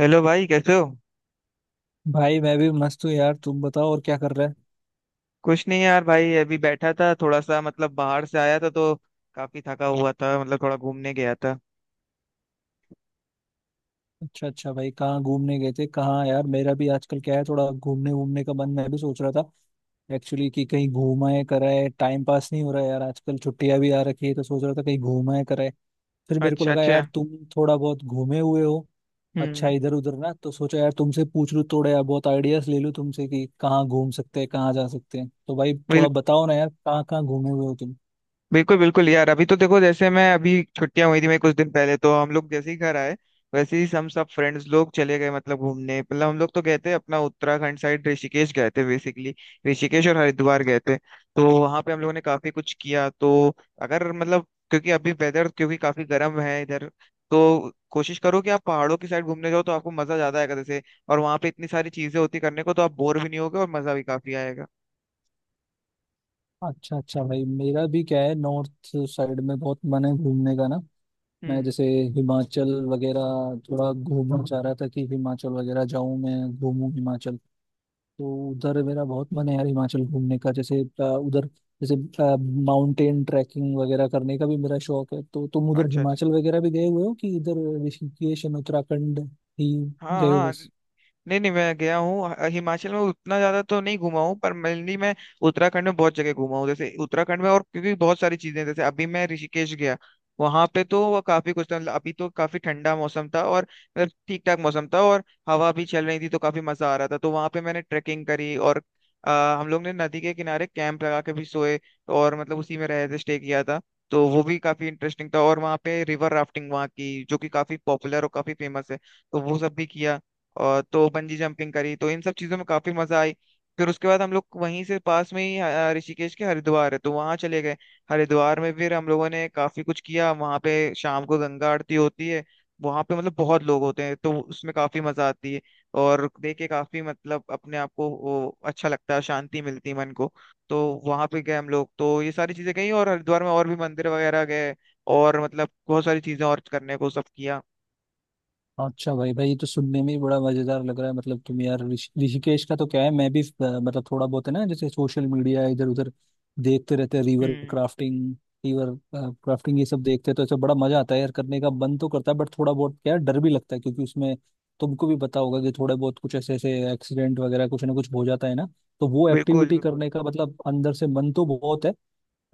Hello भाई, कैसे हो। भाई मैं भी मस्त हूँ यार। तुम बताओ और क्या कर रहे हैं। कुछ नहीं यार भाई, अभी बैठा था थोड़ा सा, मतलब बाहर से आया था तो काफी थका हुआ था, मतलब थोड़ा घूमने गया था। अच्छा अच्छा भाई, कहाँ घूमने गए थे कहाँ? यार मेरा भी आजकल क्या है, थोड़ा घूमने घूमने का मन, मैं भी सोच रहा था एक्चुअली कि कहीं घूमाए कराए। टाइम पास नहीं हो रहा है यार आजकल, छुट्टियां भी आ रखी है तो सोच रहा था कहीं घूमाए कराए। फिर मेरे को अच्छा लगा अच्छा। यार तुम थोड़ा बहुत घूमे हुए हो अच्छा हम्म। इधर उधर, ना तो सोचा यार तुमसे पूछ लूँ थोड़ा, यार बहुत आइडियाज ले लूँ तुमसे कि कहाँ घूम सकते हैं कहाँ जा सकते हैं। तो भाई थोड़ा बताओ ना यार, कहाँ कहाँ घूमे हुए हो। बिल्कुल बिल्कुल यार, अभी तो देखो, जैसे मैं अभी छुट्टियां हुई थी, मैं कुछ दिन पहले, तो हम लोग जैसे ही घर आए वैसे ही हम सब फ्रेंड्स लोग चले गए, मतलब घूमने। मतलब हम लोग तो गए थे अपना उत्तराखंड साइड, ऋषिकेश गए थे। बेसिकली ऋषिकेश और हरिद्वार गए थे, तो वहां पे हम लोगों ने काफी कुछ किया, तो अगर मतलब, क्योंकि अभी वेदर क्योंकि काफी गर्म है इधर, तो कोशिश करो कि आप पहाड़ों की साइड घूमने जाओ तो आपको मजा ज्यादा आएगा। जैसे, और वहां पे इतनी सारी चीजें होती करने को, तो आप बोर भी नहीं होगे और मजा भी काफी आएगा। अच्छा अच्छा भाई, मेरा भी क्या है, नॉर्थ साइड में बहुत मन है घूमने का ना। मैं हम्म। जैसे हिमाचल वगैरह थोड़ा घूमना चाह रहा था कि हिमाचल वगैरह जाऊं, मैं घूमूं हिमाचल। तो उधर मेरा बहुत मन है यार हिमाचल घूमने का। जैसे उधर जैसे माउंटेन ट्रैकिंग वगैरह करने का भी मेरा शौक है। तो तुम उधर अच्छा हिमाचल अच्छा। वगैरह भी गए हुए हो कि इधर ऋषिकेश एंड उत्तराखंड ही हाँ गए हो? हाँ। नहीं नहीं, मैं गया हूँ, हिमाचल में उतना ज्यादा तो नहीं घुमा हूँ, पर मेनली मैं उत्तराखंड में बहुत जगह घुमा हूँ। जैसे उत्तराखंड में, और क्योंकि बहुत सारी चीजें हैं, जैसे अभी मैं ऋषिकेश गया, वहां पे तो वो काफी कुछ था। मतलब अभी तो काफी ठंडा मौसम था, और मतलब ठीक ठाक मौसम था, और हवा भी चल रही थी, तो काफी मजा आ रहा था। तो वहां पे मैंने ट्रेकिंग करी, और अ, हम लोग ने नदी के किनारे कैंप लगा के भी सोए। और मतलब उसी में रहे थे, स्टे किया था। तो वो भी काफी इंटरेस्टिंग था। और वहाँ पे रिवर राफ्टिंग वहाँ की, जो कि काफी पॉपुलर और काफी फेमस है, तो वो सब भी किया। और तो बंजी जंपिंग करी, तो इन सब चीजों में काफी मजा आई। फिर उसके बाद हम लोग वहीं से पास में ही ऋषिकेश के हरिद्वार है, तो वहां चले गए। हरिद्वार में फिर हम लोगों ने काफी कुछ किया। वहां पे शाम को गंगा आरती होती है, वहां पे मतलब बहुत लोग होते हैं, तो उसमें काफी मजा आती है। और देख के काफी, मतलब अपने आप को वो अच्छा लगता है, शांति मिलती है मन को। तो वहां पे गए हम लोग, तो ये सारी चीजें गई, और हरिद्वार में और भी मंदिर वगैरह गए, और मतलब बहुत सारी चीजें और करने को सब किया। अच्छा भाई भाई, ये तो सुनने में ही बड़ा मजेदार लग रहा है। मतलब तुम यार, ऋषिकेश का तो क्या है, मैं भी मतलब थोड़ा बहुत है ना, जैसे सोशल मीडिया इधर उधर देखते रहते हैं। रिवर हम्म। क्राफ्टिंग, रिवर क्राफ्टिंग ये सब देखते हैं तो ऐसा बड़ा मजा आता है यार, करने का मन तो करता है। बट थोड़ा बहुत क्या है, डर भी लगता है क्योंकि उसमें तुमको भी पता होगा कि थोड़े बहुत कुछ ऐसे ऐसे एक्सीडेंट वगैरह कुछ ना कुछ हो जाता है ना। तो वो बिल्कुल एक्टिविटी बिल्कुल। करने का मतलब अंदर से मन तो बहुत है,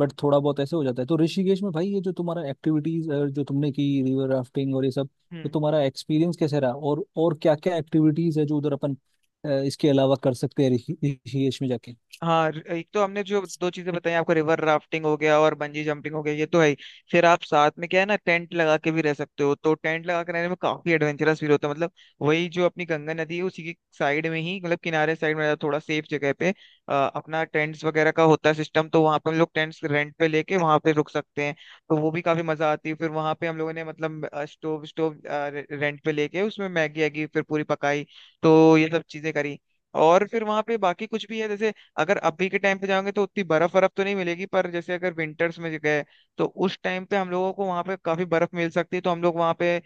बट थोड़ा बहुत ऐसे हो जाता है। तो ऋषिकेश में भाई ये जो तुम्हारा एक्टिविटीज जो तुमने की, रिवर राफ्टिंग और ये सब, तो हम्म। तुम्हारा एक्सपीरियंस कैसे रहा? और क्या क्या एक्टिविटीज है जो उधर अपन इसके अलावा कर सकते हैं ऋषिकेश में जाके? हाँ, एक तो हमने जो दो चीजें बताई आपको, रिवर राफ्टिंग हो गया और बंजी जंपिंग हो गया, ये तो है ही। फिर आप साथ में, क्या है ना, टेंट लगा के भी रह सकते हो, तो टेंट लगा के रहने में काफी एडवेंचरस फील होता है। मतलब वही जो अपनी गंगा नदी है उसी की साइड में ही, मतलब किनारे साइड में, थोड़ा सेफ जगह पे अपना टेंट्स वगैरह का होता है सिस्टम, तो वहाँ पे हम लोग टेंट्स रेंट पे लेके वहाँ पे रुक सकते हैं। तो वो भी काफी मजा आती है। फिर वहाँ पे हम लोगों ने, मतलब स्टोव स्टोव रेंट पे लेके उसमें मैगी वैगी फिर पूरी पकाई, तो ये सब चीजें करी। और फिर वहां पे बाकी कुछ भी है, जैसे अगर अभी के टाइम पे जाओगे तो उतनी बर्फ बर्फ तो नहीं मिलेगी, पर जैसे अगर विंटर्स में गए, तो उस टाइम पे हम लोगों को वहाँ पे काफी बर्फ मिल सकती है। तो हम लोग वहाँ पे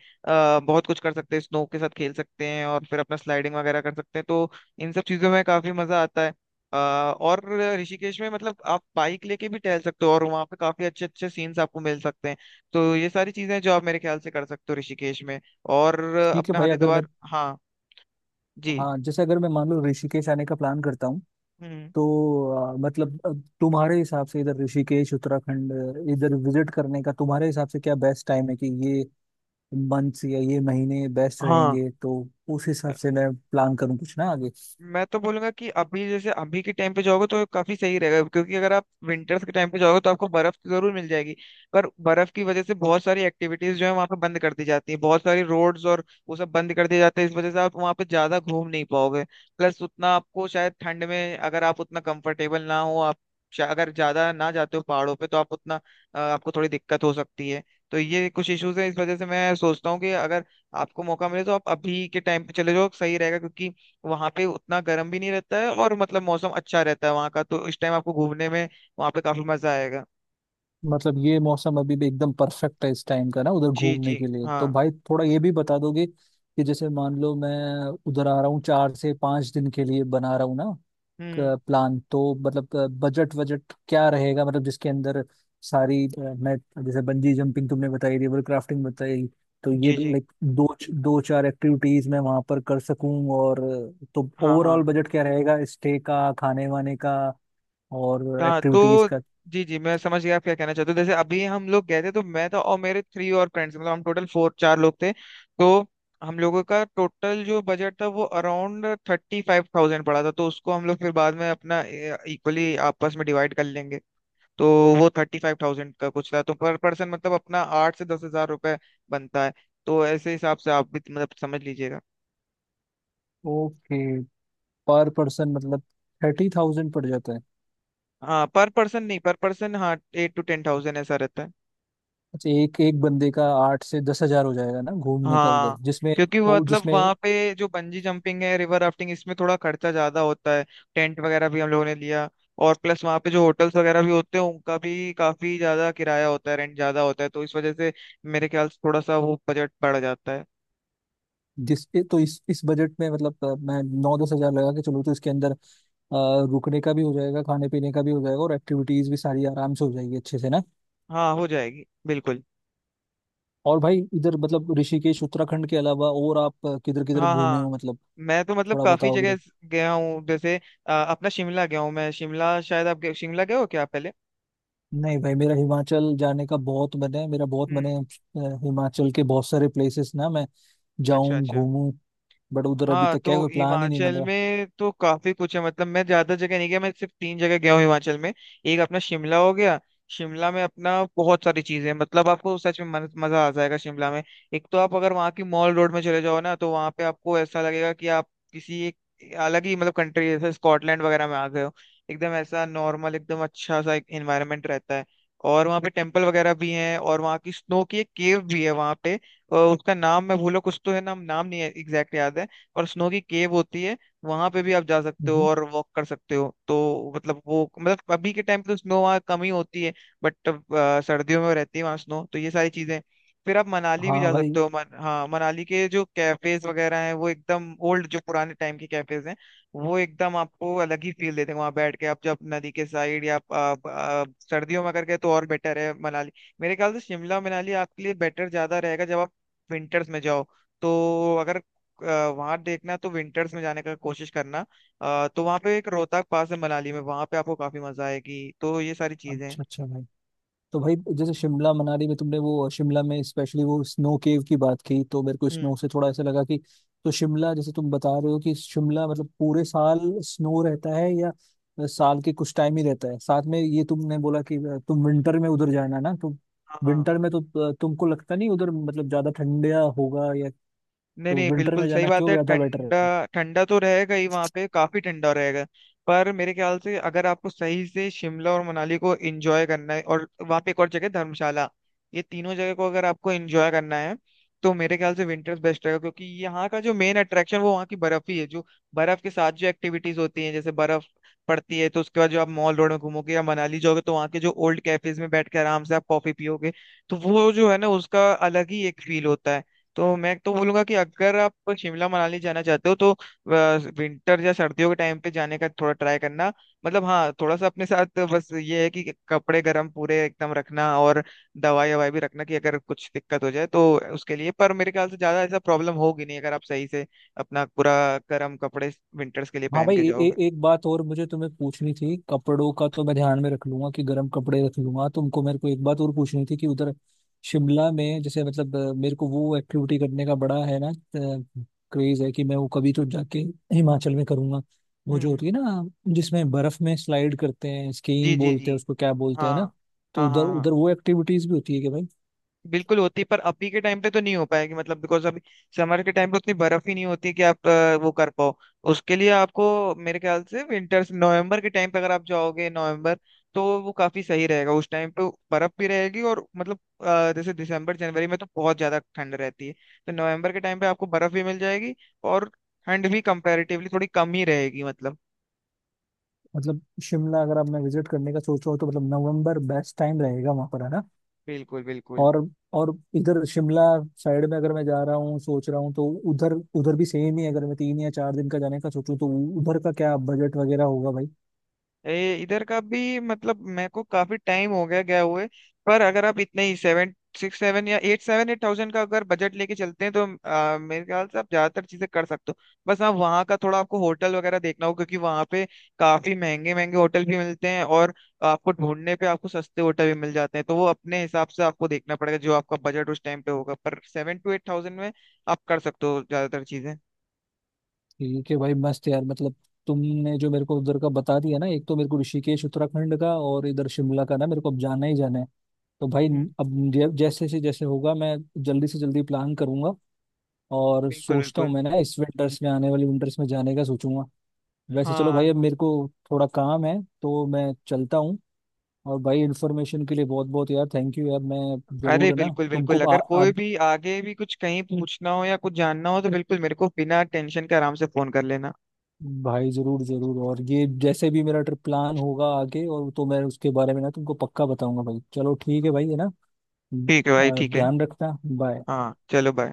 बहुत कुछ कर सकते हैं, स्नो के साथ खेल सकते हैं, और फिर अपना स्लाइडिंग वगैरह कर सकते हैं, तो इन सब चीजों में काफी मजा आता है। और ऋषिकेश में, मतलब आप बाइक लेके भी टहल सकते हो, और वहाँ पे काफी अच्छे अच्छे सीन्स आपको मिल सकते हैं। तो ये सारी चीजें हैं जो आप मेरे ख्याल से कर सकते हो ऋषिकेश में। और ठीक है अपना भाई, अगर मैं, हरिद्वार। हाँ। जी। हाँ जैसे अगर मैं मान लो ऋषिकेश आने का प्लान करता हूँ हम्म। तो मतलब तुम्हारे हिसाब से इधर ऋषिकेश उत्तराखंड इधर विजिट करने का तुम्हारे हिसाब से क्या बेस्ट टाइम है? कि ये मंथ्स या ये महीने बेस्ट हाँ, रहेंगे तो उस हिसाब से मैं प्लान करूँ कुछ ना आगे। मैं तो बोलूंगा कि अभी, जैसे अभी के टाइम पे जाओगे तो काफी सही रहेगा, क्योंकि अगर आप विंटर्स के टाइम पे जाओगे तो आपको बर्फ तो जरूर मिल जाएगी, पर बर्फ की वजह से बहुत सारी एक्टिविटीज जो है वहाँ पे बंद कर दी जाती है, बहुत सारी रोड्स और वो सब बंद कर दिए जाते हैं। इस वजह से आप वहाँ पे ज्यादा घूम नहीं पाओगे। प्लस उतना आपको शायद ठंड में, अगर आप उतना कंफर्टेबल ना हो, आप अगर ज्यादा ना जाते हो पहाड़ों पे, तो आप उतना, आपको थोड़ी दिक्कत हो सकती है। तो ये कुछ इश्यूज हैं, इस वजह से मैं सोचता हूँ कि अगर आपको मौका मिले, तो आप अभी के टाइम पे चले जाओ, सही रहेगा। क्योंकि वहां पे उतना गर्म भी नहीं रहता है, और मतलब मौसम अच्छा रहता है वहां का, तो इस टाइम आपको घूमने में वहां पे काफी मजा आएगा। मतलब ये मौसम अभी भी एकदम परफेक्ट है इस टाइम का ना उधर जी घूमने जी। के लिए? हाँ। तो भाई थोड़ा ये भी बता दोगे कि जैसे मान लो मैं उधर आ रहा हूँ, 4 से 5 दिन के लिए बना रहा हूँ ना हम्म। प्लान, तो मतलब बजट वजट क्या रहेगा? मतलब जिसके अंदर सारी, मैं, जैसे बंजी जंपिंग तुमने बताई, रिवर क्राफ्टिंग बताई, तो ये जी भी जी। लाइक दो 2-4 एक्टिविटीज मैं वहां पर कर सकूं। और तो हाँ ओवरऑल हाँ बजट क्या रहेगा स्टे का, खाने वाने का और हाँ। एक्टिविटीज तो का? जी जी, मैं समझ गया आप क्या कहना चाहते हो। जैसे अभी हम लोग गए थे, तो मैं था और मेरे थ्री और फ्रेंड्स, मतलब हम टोटल फोर चार लोग थे। तो हम लोगों का टोटल जो बजट था वो अराउंड 35,000 पड़ा था, तो उसको हम लोग फिर बाद में अपना इक्वली आपस में डिवाइड कर लेंगे। तो वो 35,000 का कुछ था, तो पर पर्सन मतलब अपना 8 से 10 हजार रुपए बनता है। तो ऐसे हिसाब से आप भी, मतलब, समझ लीजिएगा। ओके, पर पर्सन मतलब 30,000 पड़ जाता है? हाँ, पर पर्सन नहीं, पर पर्सन हाँ, 8 to 10 thousand ऐसा रहता है। अच्छा एक एक बंदे का 8 से 10 हजार हो जाएगा ना घूमने का उधर हाँ, जिसमें? क्योंकि वो वो मतलब जिसमें वहाँ पे जो बंजी जंपिंग है, रिवर राफ्टिंग, इसमें थोड़ा खर्चा ज्यादा होता है। टेंट वगैरह भी हम लोगों ने लिया, और प्लस वहाँ पे जो होटल्स वगैरह भी होते हैं उनका भी काफी ज्यादा किराया होता है, रेंट ज्यादा होता है, तो इस वजह से मेरे ख्याल से थोड़ा सा वो बजट बढ़ जाता है। जिस तो इस बजट में मतलब मैं 9-10 हजार लगा के चलूँ तो इसके अंदर रुकने का भी हो जाएगा, खाने पीने का भी हो जाएगा और एक्टिविटीज भी सारी आराम से हो जाएगी अच्छे से ना? हाँ, हो जाएगी बिल्कुल। और भाई इधर मतलब ऋषिकेश उत्तराखंड के अलावा और आप किधर किधर हाँ घूमे हाँ, हो मतलब, मैं तो, मतलब, थोड़ा काफी बताओगे जगह तो? गया हूँ, जैसे अपना शिमला गया हूँ मैं। शिमला, शायद आप शिमला गए हो क्या आप पहले? नहीं भाई, मेरा हिमाचल जाने का बहुत मन है, मेरा बहुत मन हम्म। है। हिमाचल के बहुत सारे प्लेसेस ना मैं अच्छा जाऊं अच्छा। घूमूं, बट उधर अभी हाँ, तक क्या है, तो कोई प्लान ही नहीं बन हिमाचल रहा। में तो काफी कुछ है, मतलब मैं ज्यादा जगह नहीं गया, मैं सिर्फ तीन जगह गया हूँ हिमाचल में। एक अपना शिमला हो गया। शिमला में अपना बहुत सारी चीजें हैं, मतलब आपको सच में मजा आ जाएगा शिमला में। एक तो आप अगर वहाँ की मॉल रोड में चले जाओ ना, तो वहाँ पे आपको ऐसा लगेगा कि आप किसी एक अलग ही, मतलब, कंट्री, जैसे स्कॉटलैंड वगैरह में आ गए हो। एकदम ऐसा नॉर्मल, एकदम अच्छा सा एक एनवायरनमेंट रहता है। और वहाँ पे टेम्पल वगैरह भी हैं, और वहाँ की स्नो की एक केव भी है वहाँ पे। उसका नाम मैं भूलो, कुछ तो है नाम, नहीं है एग्जैक्ट याद है। और स्नो की केव होती है, वहां पे भी आप जा सकते हो, हम्म। और वॉक कर सकते हो। तो मतलब वो, मतलब अभी के टाइम पे तो स्नो वहाँ कम ही होती है, बट सर्दियों में रहती है वहाँ स्नो, तो ये सारी चीजें। फिर आप मनाली भी हाँ जा भाई। सकते हो। हाँ, मनाली के जो कैफेज वगैरह हैं वो एकदम ओल्ड, जो पुराने टाइम के कैफेज हैं, वो एकदम आपको अलग ही फील देते हैं। वहां बैठ के आप जब नदी के साइड, या आप सर्दियों में अगर गए तो और बेटर है मनाली। मेरे ख्याल से शिमला मनाली आपके लिए बेटर ज्यादा रहेगा जब आप विंटर्स में जाओ, तो अगर वहां देखना तो विंटर्स में जाने का कोशिश करना। तो वहां पे एक रोहतक पास है मनाली में, वहां पे आपको काफी मजा आएगी, तो ये सारी चीजें हैं। अच्छा अच्छा भाई, तो भाई जैसे शिमला मनाली में तुमने वो, शिमला में स्पेशली वो स्नो केव की बात की, तो मेरे को हम्म। स्नो से थोड़ा ऐसा लगा कि, तो शिमला जैसे तुम बता रहे हो कि शिमला मतलब पूरे साल स्नो रहता है या साल के कुछ टाइम ही रहता है? साथ में ये तुमने बोला कि तुम विंटर में उधर जाना ना, तो हाँ। विंटर में तो तुमको लगता नहीं उधर मतलब ज्यादा ठंडा होगा या? नहीं तो नहीं, विंटर बिल्कुल में सही जाना बात क्यों है, ज्यादा बेटर ठंडा। है? ठंडा तो रहेगा ही, वहाँ पे काफी ठंडा रहेगा। पर मेरे ख्याल से अगर आपको सही से शिमला और मनाली को एंजॉय करना है, और वहाँ पे एक और जगह धर्मशाला, ये तीनों जगह को अगर आपको एंजॉय करना है, तो मेरे ख्याल से विंटर्स बेस्ट रहेगा। क्योंकि यहाँ का जो मेन अट्रैक्शन वो वहाँ की बर्फ ही है, जो बर्फ के साथ जो एक्टिविटीज होती हैं, जैसे बर्फ पड़ती है, तो उसके बाद जो आप मॉल रोड में घूमोगे या मनाली जाओगे, तो वहाँ के जो ओल्ड कैफेज में बैठ के आराम से आप कॉफी पियोगे, तो वो जो है ना, उसका अलग ही एक फील होता है। तो मैं तो बोलूंगा कि अगर आप शिमला मनाली जाना चाहते हो, तो विंटर या सर्दियों के टाइम पे जाने का थोड़ा ट्राई करना। मतलब हाँ, थोड़ा सा अपने साथ बस ये है कि कपड़े गर्म पूरे एकदम रखना, और दवाई ववाई भी रखना कि अगर कुछ दिक्कत हो जाए तो उसके लिए। पर मेरे ख्याल से ज्यादा ऐसा प्रॉब्लम होगी नहीं, अगर आप सही से अपना पूरा गर्म कपड़े विंटर्स के लिए हाँ पहन भाई, के ए, जाओगे। ए, एक बात और मुझे तुम्हें पूछनी थी। कपड़ों का तो मैं ध्यान में रख लूंगा कि गर्म कपड़े रख लूंगा। तुमको, मेरे को एक बात और पूछनी थी कि उधर शिमला में जैसे मतलब मेरे को वो एक्टिविटी करने का बड़ा है ना क्रेज है कि मैं वो कभी तो जाके हिमाचल में करूंगा, वो जो हम्म। होती है ना जिसमें बर्फ में स्लाइड करते हैं, जी स्कीइंग जी बोलते जी। हैं उसको क्या हाँ। बोलते हैं ना। तो हाँ उधर हाँ हाँ, उधर वो एक्टिविटीज भी होती है कि भाई? बिल्कुल होती है, पर अभी के टाइम पे तो नहीं हो पाएगी, मतलब बिकॉज अभी समर के टाइम पे उतनी बर्फ ही नहीं होती है कि आप वो कर पाओ। उसके लिए आपको मेरे ख्याल से विंटर्स, नवंबर के टाइम पे अगर आप जाओगे नवंबर, तो वो काफी सही रहेगा उस टाइम पे। बर्फ भी रहेगी, और मतलब, जैसे दिसंबर जनवरी में तो बहुत ज्यादा ठंड रहती है। तो नवंबर के टाइम पे आपको बर्फ भी मिल जाएगी, और ठंड भी कंपैरेटिवली थोड़ी कम ही रहेगी, मतलब। मतलब शिमला अगर आप, मैं विजिट करने का सोच रहा हूँ, तो मतलब नवंबर बेस्ट टाइम रहेगा वहां पर है ना? बिल्कुल बिल्कुल। और और इधर शिमला साइड में अगर मैं जा रहा हूँ, सोच रहा हूँ, तो उधर, उधर भी सेम ही है? अगर मैं 3 या 4 दिन का जाने का सोचूं तो उधर का क्या बजट वगैरह होगा भाई? इधर का भी, मतलब, मेरे को काफी टाइम हो गया गया हुए, पर अगर आप इतने ही सेवन सिक्स सेवन या एट सेवन एट थाउजेंड का अगर बजट लेके चलते हैं, तो मेरे ख्याल से आप ज्यादातर चीजें कर सकते हो। बस आप वहाँ का थोड़ा आपको होटल वगैरह देखना हो, क्योंकि वहाँ पे काफी महंगे महंगे होटल भी मिलते हैं, और आपको ढूंढने पे आपको सस्ते होटल भी मिल जाते हैं। तो वो अपने हिसाब से आपको देखना पड़ेगा जो आपका बजट उस टाइम पे होगा, पर 7 to 8 thousand में आप कर सकते हो ज्यादातर चीजें। ठीक है भाई, मस्त यार, मतलब तुमने जो मेरे को उधर का बता दिया ना, एक तो मेरे को ऋषिकेश उत्तराखंड का और इधर शिमला का, ना मेरे को अब जाना ही जाना है। तो भाई हम्म। अब जैसे से जैसे होगा मैं जल्दी से जल्दी प्लान करूंगा और बिल्कुल सोचता बिल्कुल। हूँ, मैं ना इस विंटर्स में, आने वाली विंटर्स में जाने का सोचूंगा। वैसे चलो भाई, हाँ, अब मेरे को थोड़ा काम है तो मैं चलता हूँ। और भाई इन्फॉर्मेशन के लिए बहुत बहुत यार थैंक यू यार। मैं अरे जरूर, है ना, बिल्कुल तुमको बिल्कुल, आ, अगर आ, कोई भी आगे भी कुछ कहीं पूछना हो या कुछ जानना हो, तो बिल्कुल मेरे को बिना टेंशन के आराम से फोन कर लेना। भाई जरूर जरूर। और ये जैसे भी मेरा ट्रिप प्लान होगा आगे और, तो मैं उसके बारे में ना तुमको पक्का बताऊंगा भाई। चलो ठीक है भाई है ना। हम्म। ठीक है भाई, ठीक है। ध्यान रखना, बाय। हाँ, चलो, बाय।